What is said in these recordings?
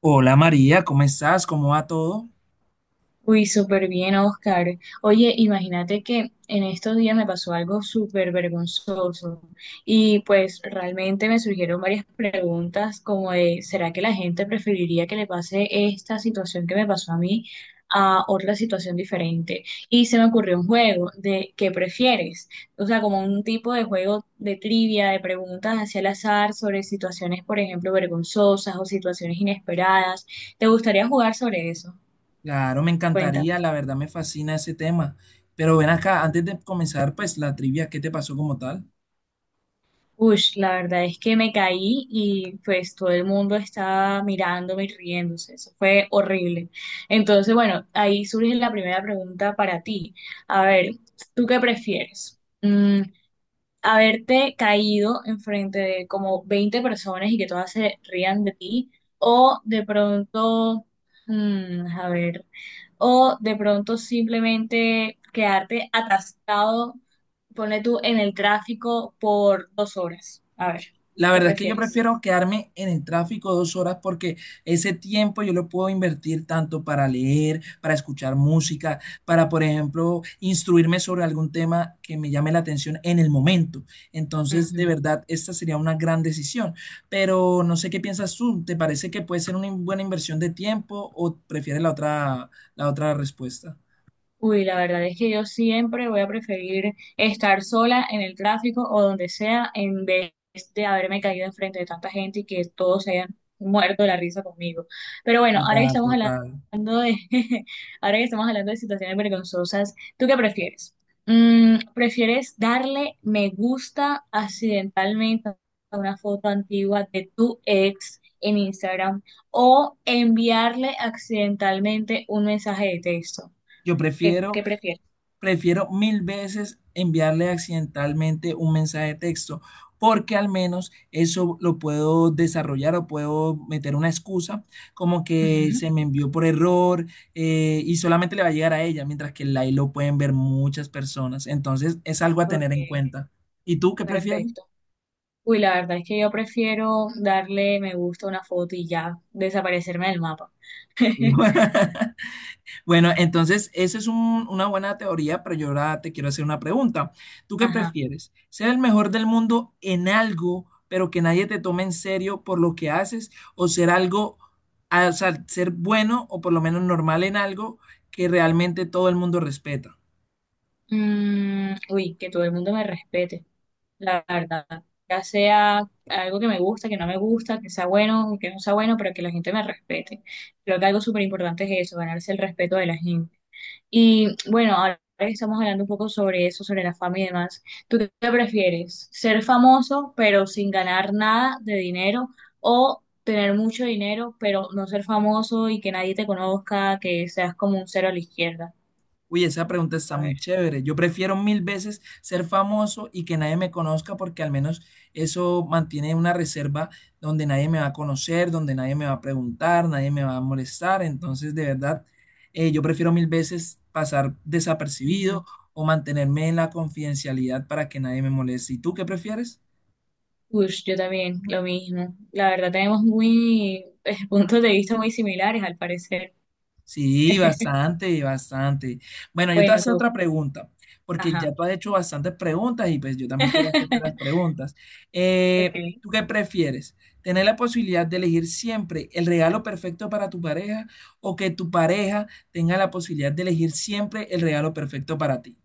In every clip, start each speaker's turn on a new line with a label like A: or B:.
A: Hola María, ¿cómo estás? ¿Cómo va todo?
B: Uy, súper bien, Oscar. Oye, imagínate que en estos días me pasó algo súper vergonzoso y pues realmente me surgieron varias preguntas como de, ¿será que la gente preferiría que le pase esta situación que me pasó a mí a otra situación diferente? Y se me ocurrió un juego de ¿qué prefieres? O sea, como un tipo de juego de trivia, de preguntas hacia el azar sobre situaciones, por ejemplo, vergonzosas o situaciones inesperadas. ¿Te gustaría jugar sobre eso?
A: Claro, me
B: Cuéntame.
A: encantaría, la verdad me fascina ese tema. Pero ven acá, antes de comenzar, pues la trivia, ¿qué te pasó como tal?
B: Ush, la verdad es que me caí y pues todo el mundo estaba mirándome y riéndose. Eso fue horrible. Entonces, bueno, ahí surge la primera pregunta para ti. A ver, ¿tú qué prefieres? Haberte caído enfrente de como 20 personas y que todas se rían de ti, o de pronto, mm, a ver, o de pronto simplemente quedarte atascado, pone tú en el tráfico por 2 horas. A ver,
A: La
B: ¿qué
A: verdad es que yo
B: prefieres?
A: prefiero quedarme en el tráfico dos horas porque ese tiempo yo lo puedo invertir tanto para leer, para escuchar música, para, por ejemplo, instruirme sobre algún tema que me llame la atención en el momento. Entonces, de verdad, esta sería una gran decisión. Pero no sé qué piensas tú. ¿Te parece que puede ser una buena inversión de tiempo o prefieres la otra respuesta?
B: Uy, la verdad es que yo siempre voy a preferir estar sola en el tráfico o donde sea en vez de haberme caído enfrente de tanta gente y que todos se hayan muerto de la risa conmigo. Pero bueno, ahora que
A: Total,
B: estamos
A: total.
B: hablando de, ahora que estamos hablando de situaciones vergonzosas, ¿tú qué prefieres? ¿Prefieres darle me gusta accidentalmente a una foto antigua de tu ex en Instagram o enviarle accidentalmente un mensaje de texto?
A: Yo
B: ¿Qué,
A: prefiero
B: qué prefieres?
A: Prefiero mil veces enviarle accidentalmente un mensaje de texto, porque al menos eso lo puedo desarrollar o puedo meter una excusa como que
B: Ujú.
A: se me envió por error y solamente le va a llegar a ella, mientras que el live lo pueden ver muchas personas. Entonces es algo a tener
B: Ok,
A: en cuenta. ¿Y tú qué prefieres?
B: perfecto. Uy, la verdad es que yo prefiero darle me gusta a una foto y ya desaparecerme del mapa.
A: Bueno, entonces, esa es una buena teoría, pero yo ahora te quiero hacer una pregunta. ¿Tú qué
B: Ajá.
A: prefieres? ¿Ser el mejor del mundo en algo, pero que nadie te tome en serio por lo que haces? ¿O ser algo, o sea, ser bueno o por lo menos normal en algo que realmente todo el mundo respeta?
B: Uy, que todo el mundo me respete, la verdad. Ya sea algo que me gusta, que no me gusta, que sea bueno, que no sea bueno, pero que la gente me respete. Creo que algo súper importante es eso, ganarse el respeto de la gente. Y bueno, ahora que estamos hablando un poco sobre eso, sobre la fama y demás. ¿Tú qué prefieres? ¿Ser famoso pero sin ganar nada de dinero o tener mucho dinero pero no ser famoso y que nadie te conozca, que seas como un cero a la izquierda?
A: Uy, esa pregunta está
B: A ver.
A: muy chévere. Yo prefiero mil veces ser famoso y que nadie me conozca porque al menos eso mantiene una reserva donde nadie me va a conocer, donde nadie me va a preguntar, nadie me va a molestar. Entonces, de verdad, yo prefiero mil veces pasar
B: Ujú.
A: desapercibido o mantenerme en la confidencialidad para que nadie me moleste. ¿Y tú qué prefieres?
B: Uy, yo también, lo mismo. La verdad, tenemos muy puntos de vista muy similares al parecer.
A: Sí, bastante, bastante. Bueno, yo te voy a
B: Bueno,
A: hacer
B: tú.
A: otra pregunta, porque ya
B: Ajá.
A: tú has hecho bastantes preguntas y pues yo también quiero hacerte las preguntas.
B: Ok.
A: ¿Tú qué prefieres? ¿Tener la posibilidad de elegir siempre el regalo perfecto para tu pareja o que tu pareja tenga la posibilidad de elegir siempre el regalo perfecto para ti?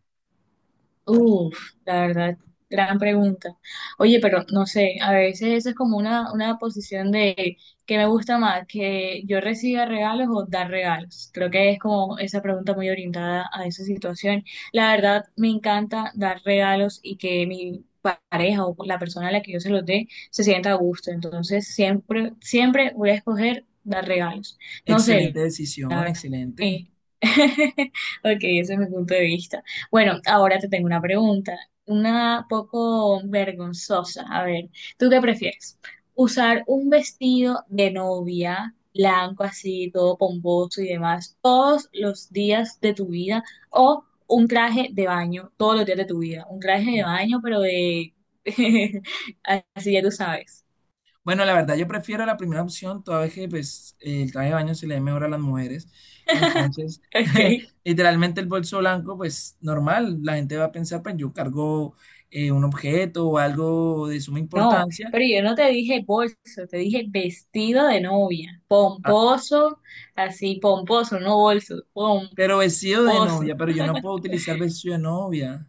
B: Uf, la verdad, gran pregunta. Oye, pero no sé, a veces eso es como una posición de que me gusta más, que yo reciba regalos o dar regalos. Creo que es como esa pregunta muy orientada a esa situación. La verdad, me encanta dar regalos y que mi pareja o la persona a la que yo se los dé se sienta a gusto. Entonces, siempre, siempre voy a escoger dar regalos. No sé.
A: Excelente decisión, excelente.
B: Sí. Ok, ese es mi punto de vista. Bueno, ahora te tengo una pregunta, una poco vergonzosa. A ver, ¿tú qué prefieres? ¿Usar un vestido de novia, blanco así, todo pomposo y demás, todos los días de tu vida? ¿O un traje de baño, todos los días de tu vida? Un traje de baño, pero de... así ya tú sabes.
A: Bueno, la verdad, yo prefiero la primera opción, toda vez que pues, el traje de baño se le ve mejor a las mujeres. Entonces,
B: Ok.
A: literalmente el bolso blanco, pues normal, la gente va a pensar, pues yo cargo un objeto o algo de suma
B: No,
A: importancia,
B: pero yo no te dije bolso, te dije vestido de novia,
A: ah,
B: pomposo, así pomposo, no bolso,
A: pero vestido de
B: pomposo.
A: novia, pero yo no puedo utilizar vestido de novia.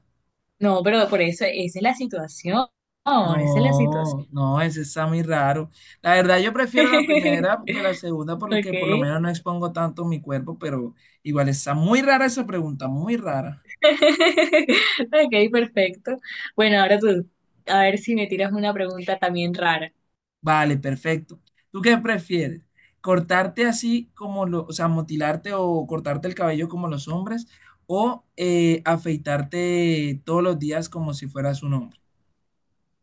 B: No, pero por eso, esa es la situación, esa es la
A: No,
B: situación.
A: no, ese está muy raro. La verdad, yo prefiero la primera que la segunda
B: Ok,
A: porque por lo menos no expongo tanto mi cuerpo, pero igual está muy rara esa pregunta, muy rara.
B: ok, perfecto. Bueno, ahora tú, a ver si me tiras una pregunta también rara.
A: Vale, perfecto. ¿Tú qué prefieres? ¿Cortarte así como lo, o sea, motilarte o cortarte el cabello como los hombres o afeitarte todos los días como si fueras un hombre?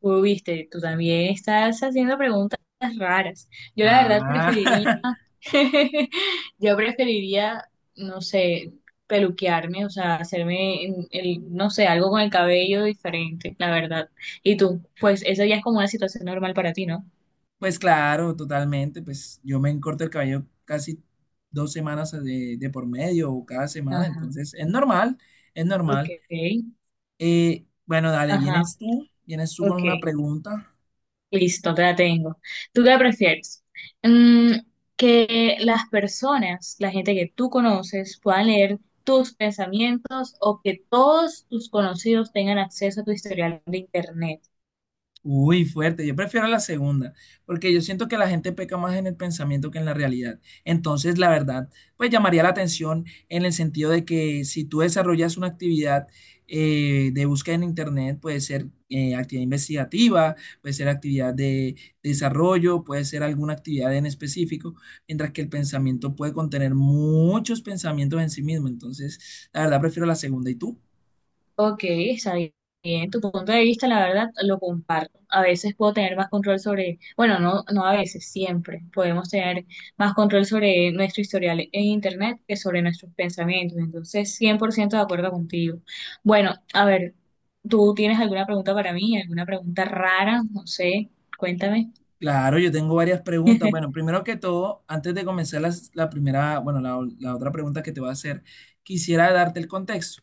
B: Uy, viste, tú también estás haciendo preguntas raras. Yo la verdad preferiría,
A: Ah,
B: yo preferiría, no sé, peluquearme, o sea, hacerme, el, no sé, algo con el cabello diferente, la verdad. Y tú, pues eso ya es como una situación normal para ti, ¿no?
A: pues claro, totalmente. Pues yo me corto el cabello casi dos semanas de por medio o cada semana,
B: Ajá,
A: entonces es normal, es normal.
B: ok,
A: Bueno, dale,
B: ajá,
A: vienes tú con
B: ok.
A: una pregunta.
B: Listo, te la tengo. ¿Tú qué prefieres? Mm, que las personas, la gente que tú conoces, puedan leer tus pensamientos o que todos tus conocidos tengan acceso a tu historial de internet.
A: Uy, fuerte. Yo prefiero la segunda, porque yo siento que la gente peca más en el pensamiento que en la realidad. Entonces, la verdad, pues llamaría la atención en el sentido de que si tú desarrollas una actividad de búsqueda en Internet, puede ser actividad investigativa, puede ser actividad de desarrollo, puede ser alguna actividad en específico, mientras que el pensamiento puede contener muchos pensamientos en sí mismo. Entonces, la verdad, prefiero la segunda. ¿Y tú?
B: Ok, está bien. Tu punto de vista, la verdad, lo comparto. A veces puedo tener más control sobre, bueno, no, no a veces, siempre podemos tener más control sobre nuestro historial en Internet que sobre nuestros pensamientos. Entonces, 100% de acuerdo contigo. Bueno, a ver, ¿tú tienes alguna pregunta para mí? ¿Alguna pregunta rara? No sé, cuéntame.
A: Claro, yo tengo varias preguntas. Bueno, primero que todo, antes de comenzar la primera, bueno, la otra pregunta que te voy a hacer, quisiera darte el contexto.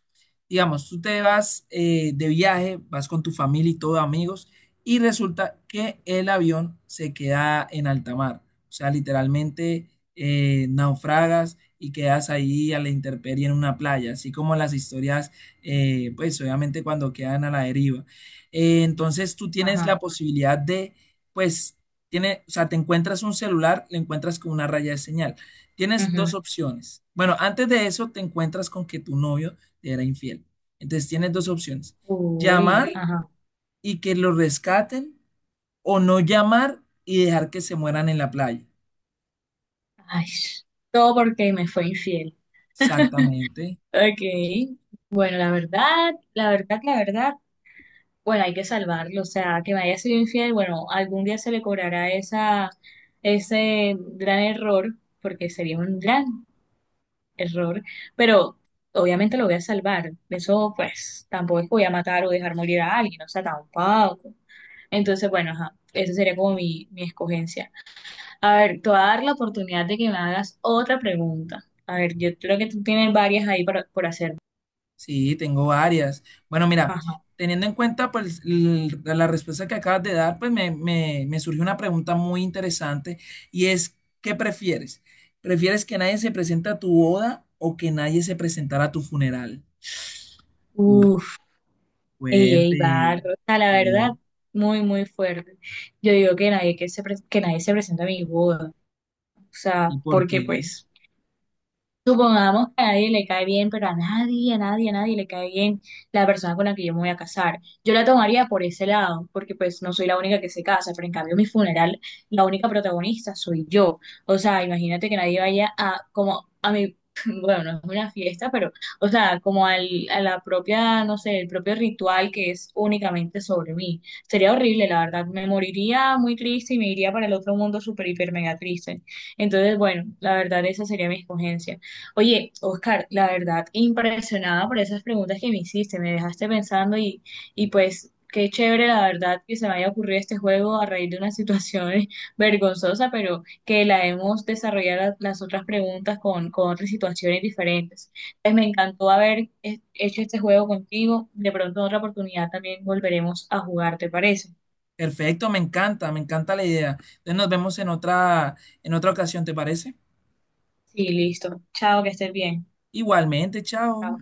A: Digamos, tú te vas de viaje, vas con tu familia y todo, amigos, y resulta que el avión se queda en alta mar. O sea, literalmente naufragas y quedas ahí a la intemperie en una playa, así como las historias, pues obviamente cuando quedan a la deriva. Entonces, tú tienes
B: Ajá.
A: la posibilidad de pues tiene, o sea, te encuentras un celular, le encuentras con una raya de señal. Tienes
B: Ujú.
A: dos opciones. Bueno, antes de eso te encuentras con que tu novio te era infiel. Entonces tienes dos opciones.
B: Uy,
A: Llamar
B: ajá.
A: y que lo rescaten o no llamar y dejar que se mueran en la playa.
B: Ay, todo porque me fue infiel.
A: Exactamente.
B: Ok. Bueno, la verdad, la verdad, la verdad, bueno, hay que salvarlo, o sea, que me haya sido infiel, bueno, algún día se le cobrará esa, ese gran error, porque sería un gran error, pero obviamente lo voy a salvar. Eso, pues, tampoco es que voy a matar o dejar morir a alguien, o sea, tampoco. Entonces, bueno, ajá, esa sería como mi escogencia. A ver, te voy a dar la oportunidad de que me hagas otra pregunta. A ver, yo creo que tú tienes varias ahí para, por hacer.
A: Sí, tengo varias. Bueno, mira,
B: Ajá.
A: teniendo en cuenta pues la respuesta que acabas de dar, pues me surgió una pregunta muy interesante y es, ¿qué prefieres? ¿Prefieres que nadie se presente a tu boda o que nadie se presentara a tu funeral? Uh,
B: Uf. Ey,
A: fuerte.
B: ey, barro, o sea, la
A: Eh,
B: verdad, muy, muy fuerte. Yo digo que nadie que nadie se presente a mi boda, o sea,
A: ¿Y por
B: porque
A: qué?
B: pues, supongamos que a nadie le cae bien, pero a nadie, a nadie, a nadie le cae bien la persona con la que yo me voy a casar. Yo la tomaría por ese lado, porque pues no soy la única que se casa, pero en cambio en mi funeral, la única protagonista soy yo. O sea, imagínate que nadie vaya a, como, a mi, bueno, no es una fiesta, pero, o sea, como al, a la propia, no sé, el propio ritual que es únicamente sobre mí. Sería horrible, la verdad. Me moriría muy triste y me iría para el otro mundo súper, hiper, mega triste. Entonces, bueno, la verdad, esa sería mi escogencia. Oye, Oscar, la verdad, impresionada por esas preguntas que me hiciste, me dejaste pensando y pues qué chévere la verdad que se me haya ocurrido este juego a raíz de una situación vergonzosa, pero que la hemos desarrollado las otras preguntas con otras situaciones diferentes. Entonces me encantó haber hecho este juego contigo, de pronto en otra oportunidad también volveremos a jugar, ¿te parece?
A: Perfecto, me encanta la idea. Entonces nos vemos en otra ocasión, ¿te parece?
B: Sí, listo. Chao, que estés bien.
A: Igualmente, chao.
B: Chao.